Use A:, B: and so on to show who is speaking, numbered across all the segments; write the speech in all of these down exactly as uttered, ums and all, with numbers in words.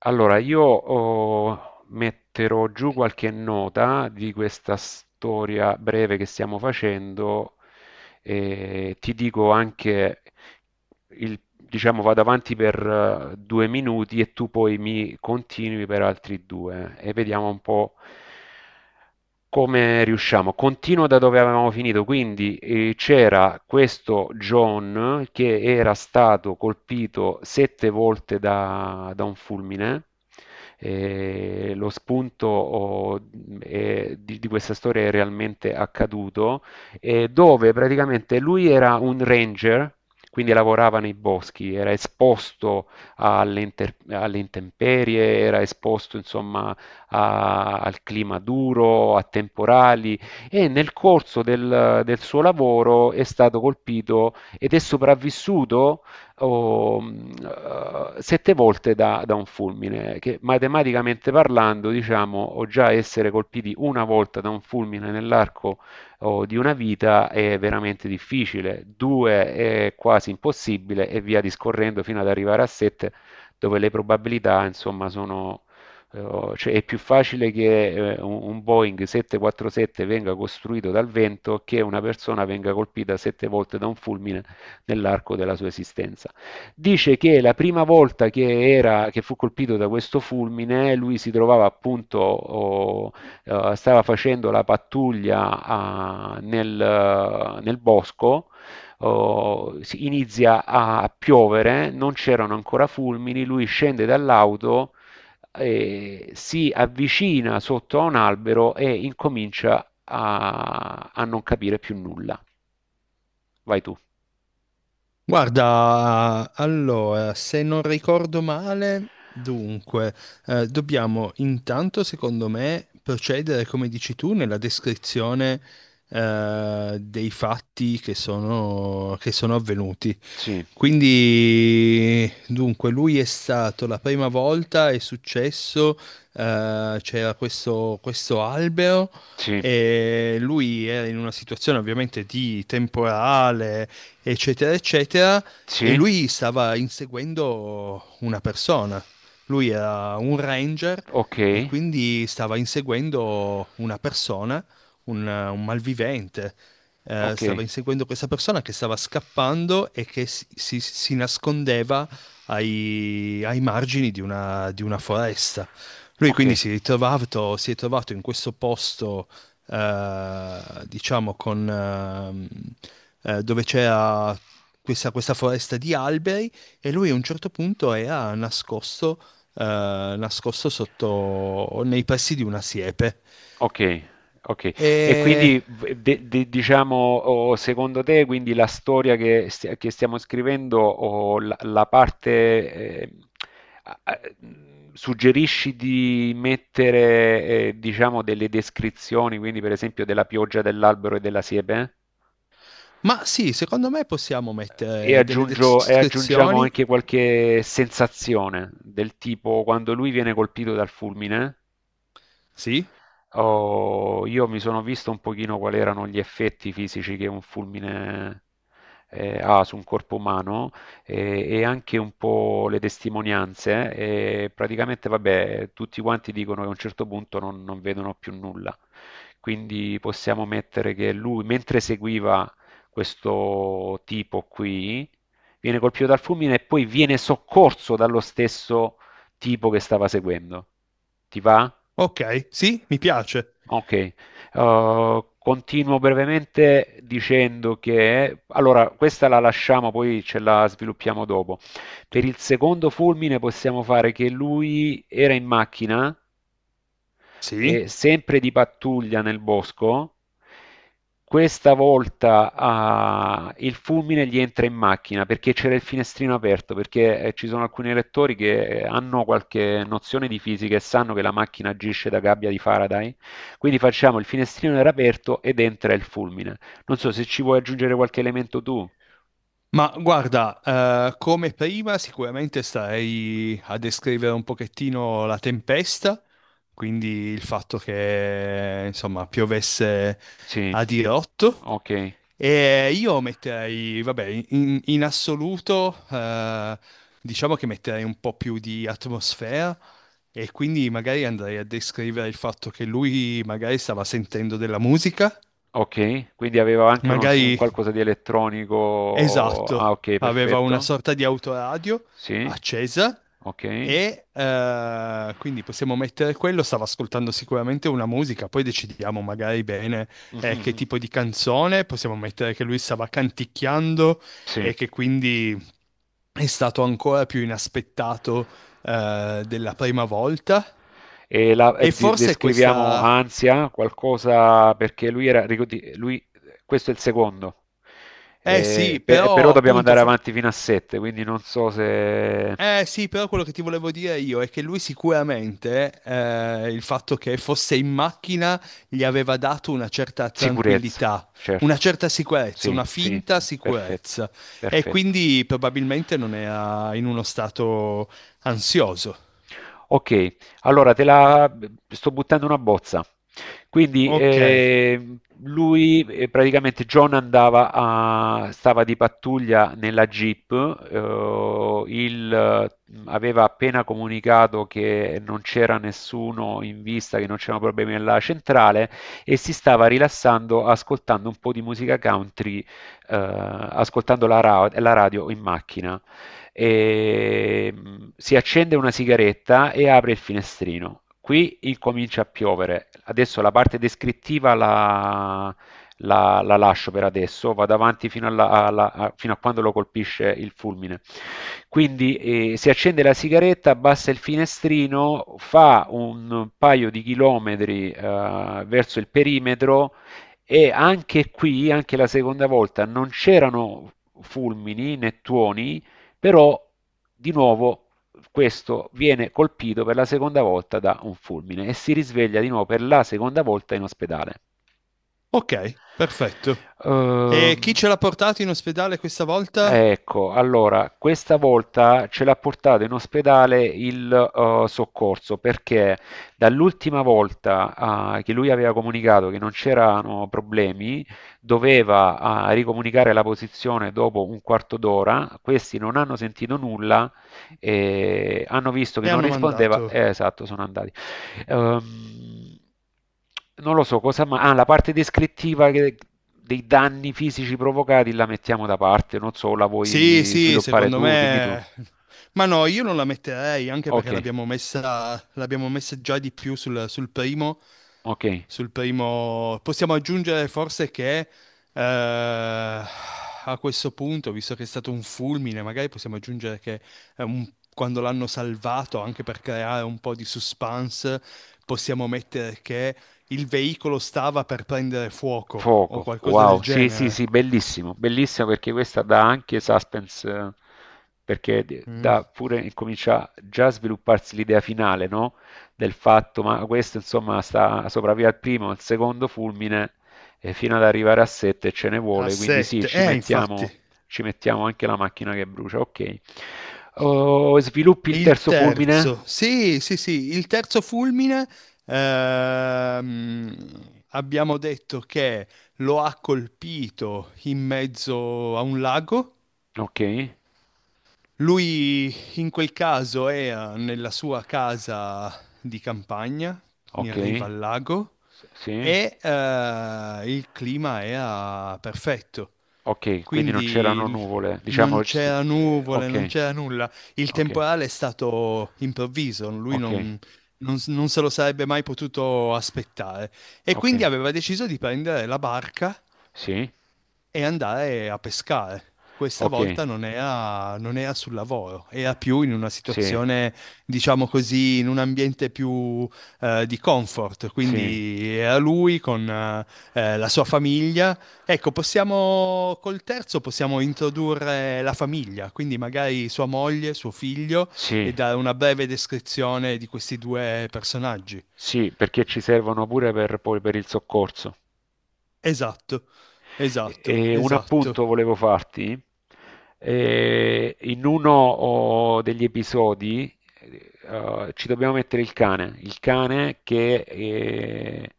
A: Allora, io oh, metterò giù qualche nota di questa storia breve che stiamo facendo e ti dico anche il- diciamo vado avanti per eh, due minuti e tu poi mi continui per altri due e vediamo un po' come riusciamo. Continuo da dove avevamo finito, quindi eh, c'era questo John che era stato colpito sette volte da, da un fulmine. Eh, lo spunto oh, eh, di di questa storia è realmente accaduto eh, dove praticamente lui era un ranger, quindi lavorava nei boschi, era esposto alle, inter- alle intemperie, era esposto insomma a- al clima duro, a temporali e nel corso del, del suo lavoro è stato colpito ed è sopravvissuto oh, mh, eh, sette volte da, da un fulmine, che matematicamente parlando diciamo o già essere colpiti una volta da un fulmine nell'arco o di una vita è veramente difficile, due è quasi impossibile e via discorrendo fino ad arrivare a sette dove le probabilità insomma sono... eh, Cioè è più facile che eh, un un Boeing sette quarantasette venga costruito dal vento che una persona venga colpita sette volte da un fulmine nell'arco della sua esistenza. Dice che la prima volta che, era, che fu colpito da questo fulmine, lui si trovava appunto oh, eh, stava facendo la pattuglia ah, nel, uh, nel bosco, oh, si- inizia a, a piovere, non c'erano ancora fulmini, lui scende dall'auto, eh, si avvicina sotto a un albero e incomincia a, a non capire più nulla. Vai tu.
B: Guarda, allora, se non ricordo male, dunque, eh, dobbiamo intanto, secondo me, procedere, come dici tu, nella descrizione, eh, dei fatti che sono, che sono avvenuti.
A: Sì,
B: Quindi, dunque, lui è stato la prima volta, è successo, eh, c'era questo, questo albero
A: sì,
B: e lui era in una situazione ovviamente di temporale, eccetera, eccetera, e
A: sì,
B: lui stava inseguendo una persona. Lui era un ranger
A: ok,
B: e quindi stava inseguendo una persona, un un malvivente eh,
A: ok,
B: stava inseguendo questa persona che stava scappando e che si, si- si nascondeva ai, ai margini di una, di una foresta. Lui
A: ok.
B: quindi si è ritrovato, si è trovato in questo posto, eh, diciamo, con, ehm, eh, dove c'era questa, questa foresta di alberi e lui a un certo punto era nascosto, eh, nascosto sotto, nei pressi di una siepe.
A: Okay, okay. E
B: E
A: quindi v de de diciamo, o secondo te quindi la storia che stia che stiamo scrivendo o la la parte, ehm, a a mhmm, suggerisci di mettere, ehm, diciamo delle descrizioni, quindi per esempio della pioggia, dell'albero e della siepe?
B: Ma sì, secondo me possiamo
A: E
B: mettere delle
A: aggiungo e aggiungiamo
B: descrizioni.
A: anche qualche sensazione, del tipo quando lui viene colpito dal fulmine.
B: Sì,
A: Oh, io mi sono visto un pochino quali erano gli effetti fisici che un fulmine eh, ha su un corpo umano eh, e anche un po' le testimonianze. E praticamente, vabbè, tutti quanti dicono che a un certo punto non, non vedono più nulla. Quindi possiamo mettere che lui, mentre seguiva questo tipo qui, viene colpito dal fulmine e poi viene soccorso dallo stesso tipo che stava seguendo. Ti va?
B: ok, sì, mi piace.
A: Ok. Uh, continuo brevemente dicendo che, allora, questa la lasciamo, poi ce la sviluppiamo dopo. Per il secondo fulmine possiamo fare che lui era in macchina e
B: Sì,
A: sempre di pattuglia nel bosco. Questa volta ah, il fulmine gli entra in macchina perché c'era il finestrino aperto, perché eh, ci sono alcuni lettori che eh, hanno qualche nozione di fisica e sanno che la macchina agisce da gabbia di Faraday. Quindi facciamo il finestrino era aperto ed entra il fulmine. Non so se ci vuoi aggiungere qualche elemento tu.
B: ma guarda, eh, come prima sicuramente starei a descrivere un pochettino la tempesta, quindi il fatto che, insomma, piovesse
A: Sì,
B: a dirotto.
A: ok,
B: E io metterei, vabbè, in, in assoluto, eh, diciamo che metterei un po' più di atmosfera e quindi magari andrei a descrivere il fatto che lui magari stava sentendo della musica,
A: ok. Quindi aveva anche uno- un
B: magari.
A: qualcosa di elettronico. Ah,
B: Esatto,
A: ok,
B: aveva una
A: perfetto.
B: sorta di autoradio
A: Sì.
B: accesa
A: Ok?
B: e eh, quindi possiamo mettere quello, stava ascoltando sicuramente una musica, poi decidiamo magari bene eh, che
A: Mhm.
B: tipo di canzone, possiamo mettere che lui stava canticchiando
A: Sì.
B: e che quindi è stato ancora più inaspettato eh, della prima volta.
A: E la- eh,
B: E
A: di-
B: forse
A: descriviamo
B: questa.
A: ansia, qualcosa perché lui era, ricordi- lui- questo è il secondo.
B: Eh
A: Eh,
B: sì,
A: pe- eh, però
B: però
A: dobbiamo
B: appunto.
A: andare
B: for-
A: avanti fino a sette, quindi non so se.
B: Eh sì, però quello che ti volevo dire io è che lui sicuramente eh, il fatto che fosse in macchina gli aveva dato una certa
A: Sicurezza,
B: tranquillità, una
A: certo.
B: certa sicurezza,
A: Sì,
B: una
A: sì,
B: finta
A: perfetto,
B: sicurezza e
A: perfetto.
B: quindi probabilmente non era in uno stato ansioso.
A: Ok, allora te la sto buttando una bozza. Quindi
B: Ok,
A: eh, lui eh, praticamente John andava a, stava di pattuglia nella Jeep, eh, il, eh, aveva appena comunicato che non c'era nessuno in vista, che non c'erano problemi nella centrale e si stava rilassando ascoltando un po' di musica country, eh, ascoltando la ra- la radio in macchina e mh, si accende una sigaretta e apre il finestrino. Qui incomincia a piovere. Adesso la parte descrittiva la, la- la lascio per adesso, vado avanti fino, alla- alla- a, fino a quando lo colpisce il fulmine. Quindi eh, si accende la sigaretta, abbassa il finestrino, fa un paio di chilometri eh, verso il perimetro e anche qui, anche la seconda volta, non c'erano fulmini né tuoni, però di nuovo questo viene colpito per la seconda volta da un fulmine e si risveglia di nuovo per la seconda volta in ospedale.
B: ok, perfetto. E chi
A: Ehm,
B: ce l'ha portato in ospedale questa volta?
A: ecco, allora, questa volta ce l'ha portato in ospedale il eh, soccorso perché dall'ultima volta eh, che lui aveva comunicato che non c'erano problemi, doveva eh, ricomunicare la posizione dopo un quarto d'ora, questi non hanno sentito nulla e hanno visto che
B: E
A: non
B: hanno
A: rispondeva,
B: mandato.
A: eh, esatto, sono andati. Ehm, non lo so cosa, ma ah, la parte descrittiva che- dei danni fisici provocati la mettiamo da parte, non so, la
B: Sì,
A: vuoi
B: sì,
A: sviluppare
B: secondo
A: tu? Dimmi tu.
B: me. Ma no, io non la metterei anche
A: Ok,
B: perché l'abbiamo messa, l'abbiamo messa già di più sul, sul primo.
A: ok.
B: Sul primo. Possiamo aggiungere forse che eh, a questo punto, visto che è stato un fulmine, magari possiamo aggiungere che è un- quando l'hanno salvato, anche per creare un po' di suspense, possiamo mettere che il veicolo stava per prendere fuoco o
A: Fuoco,
B: qualcosa del
A: wow, sì, sì,
B: genere.
A: sì, bellissimo, bellissimo perché questa dà anche suspense, eh, perché d- dà pure, comincia già a svilupparsi l'idea finale, no? Del fatto, ma questo insomma sta sopravvive al primo, al secondo fulmine, e fino ad arrivare a sette ce ne
B: A
A: vuole, quindi sì,
B: sette,
A: ci
B: eh, infatti.
A: mettiamo, ci mettiamo anche la macchina che brucia, ok. Oh, sviluppi il
B: Il
A: terzo fulmine?
B: terzo, sì, sì, sì, il terzo fulmine, ehm, abbiamo detto che lo ha colpito in mezzo a un lago.
A: Ok,
B: Lui in quel caso era nella sua casa di campagna,
A: ok,
B: in riva al lago,
A: s- sì,
B: e eh, il clima era perfetto.
A: ok, quindi non
B: Quindi
A: c'erano
B: il-
A: nuvole,
B: non
A: diciamo. ci si-
B: c'era nuvole, non
A: Okay,
B: c'era nulla. Il
A: okay,
B: temporale è stato improvviso, lui
A: okay,
B: non, non s- non se lo sarebbe mai potuto aspettare. E quindi
A: okay.
B: aveva deciso di prendere la barca
A: Sì,
B: e andare a pescare. Questa
A: okay,
B: volta non era, non era sul lavoro, era più in una
A: sì,
B: situazione, diciamo così, in un ambiente più eh, di comfort.
A: sì,
B: Quindi era lui con eh, eh, la sua famiglia. Ecco, possiamo, col terzo possiamo introdurre la famiglia, quindi magari sua moglie, suo figlio, e
A: sì.
B: dare una breve descrizione di questi due personaggi.
A: Sì, perché ci servono pure per poi per il soccorso.
B: Esatto, esatto,
A: E un
B: esatto.
A: appunto volevo farti. Eh, in uno oh, degli episodi eh, eh, ci dobbiamo mettere il cane, il cane che eh,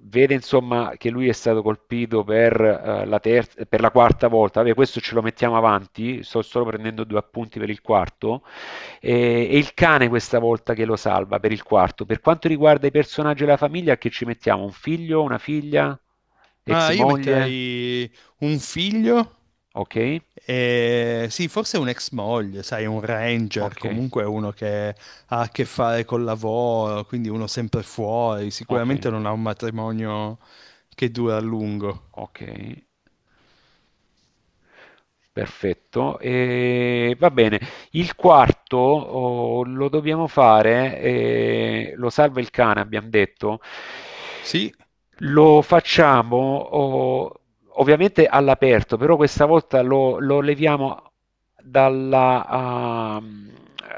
A: vede insomma che lui è stato colpito per, eh, la terza, per la quarta volta. Vabbè, questo ce lo mettiamo avanti, sto solo prendendo due appunti per il quarto. Eh, e il cane questa volta che lo salva per il quarto. Per quanto riguarda i personaggi della famiglia, che ci mettiamo? Un figlio, una figlia, ex
B: Ah, io
A: moglie?
B: metterei un figlio
A: Ok,
B: e sì, forse un ex moglie, sai, un ranger,
A: ok,
B: comunque uno che ha a che fare col lavoro, quindi uno sempre fuori,
A: ok,
B: sicuramente non ha un matrimonio che dura a lungo.
A: ok. Perfetto, e va bene. Il quarto oh, lo dobbiamo fare, eh, lo salva il cane, abbiamo detto.
B: Sì,
A: Lo facciamo oh, ovviamente all'aperto, però questa volta lo, lo leviamo dalla, ah,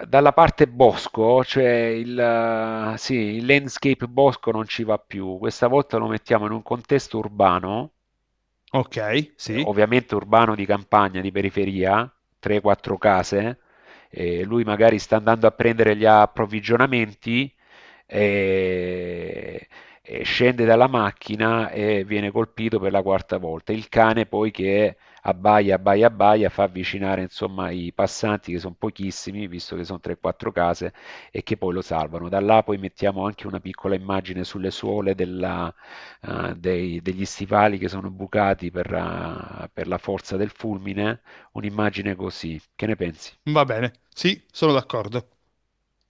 A: dalla parte bosco, cioè il, ah, sì, il landscape bosco non ci va più. Questa volta lo mettiamo in un contesto urbano
B: ok,
A: eh,
B: sì,
A: ovviamente urbano di campagna, di periferia, tre o quattro case, eh, lui magari sta andando a prendere gli approvvigionamenti, eh, eh, scende dalla macchina e viene colpito per la quarta volta. Il cane poi che abbaia, abbaia, abbaia, fa avvicinare insomma i passanti che sono pochissimi, visto che sono tre quattro case, e che poi lo salvano. Da là poi mettiamo anche una piccola immagine sulle suole della, eh, dei- degli stivali che sono bucati per, eh, per la forza del fulmine, un'immagine così. Che ne pensi?
B: va bene, sì, sono d'accordo.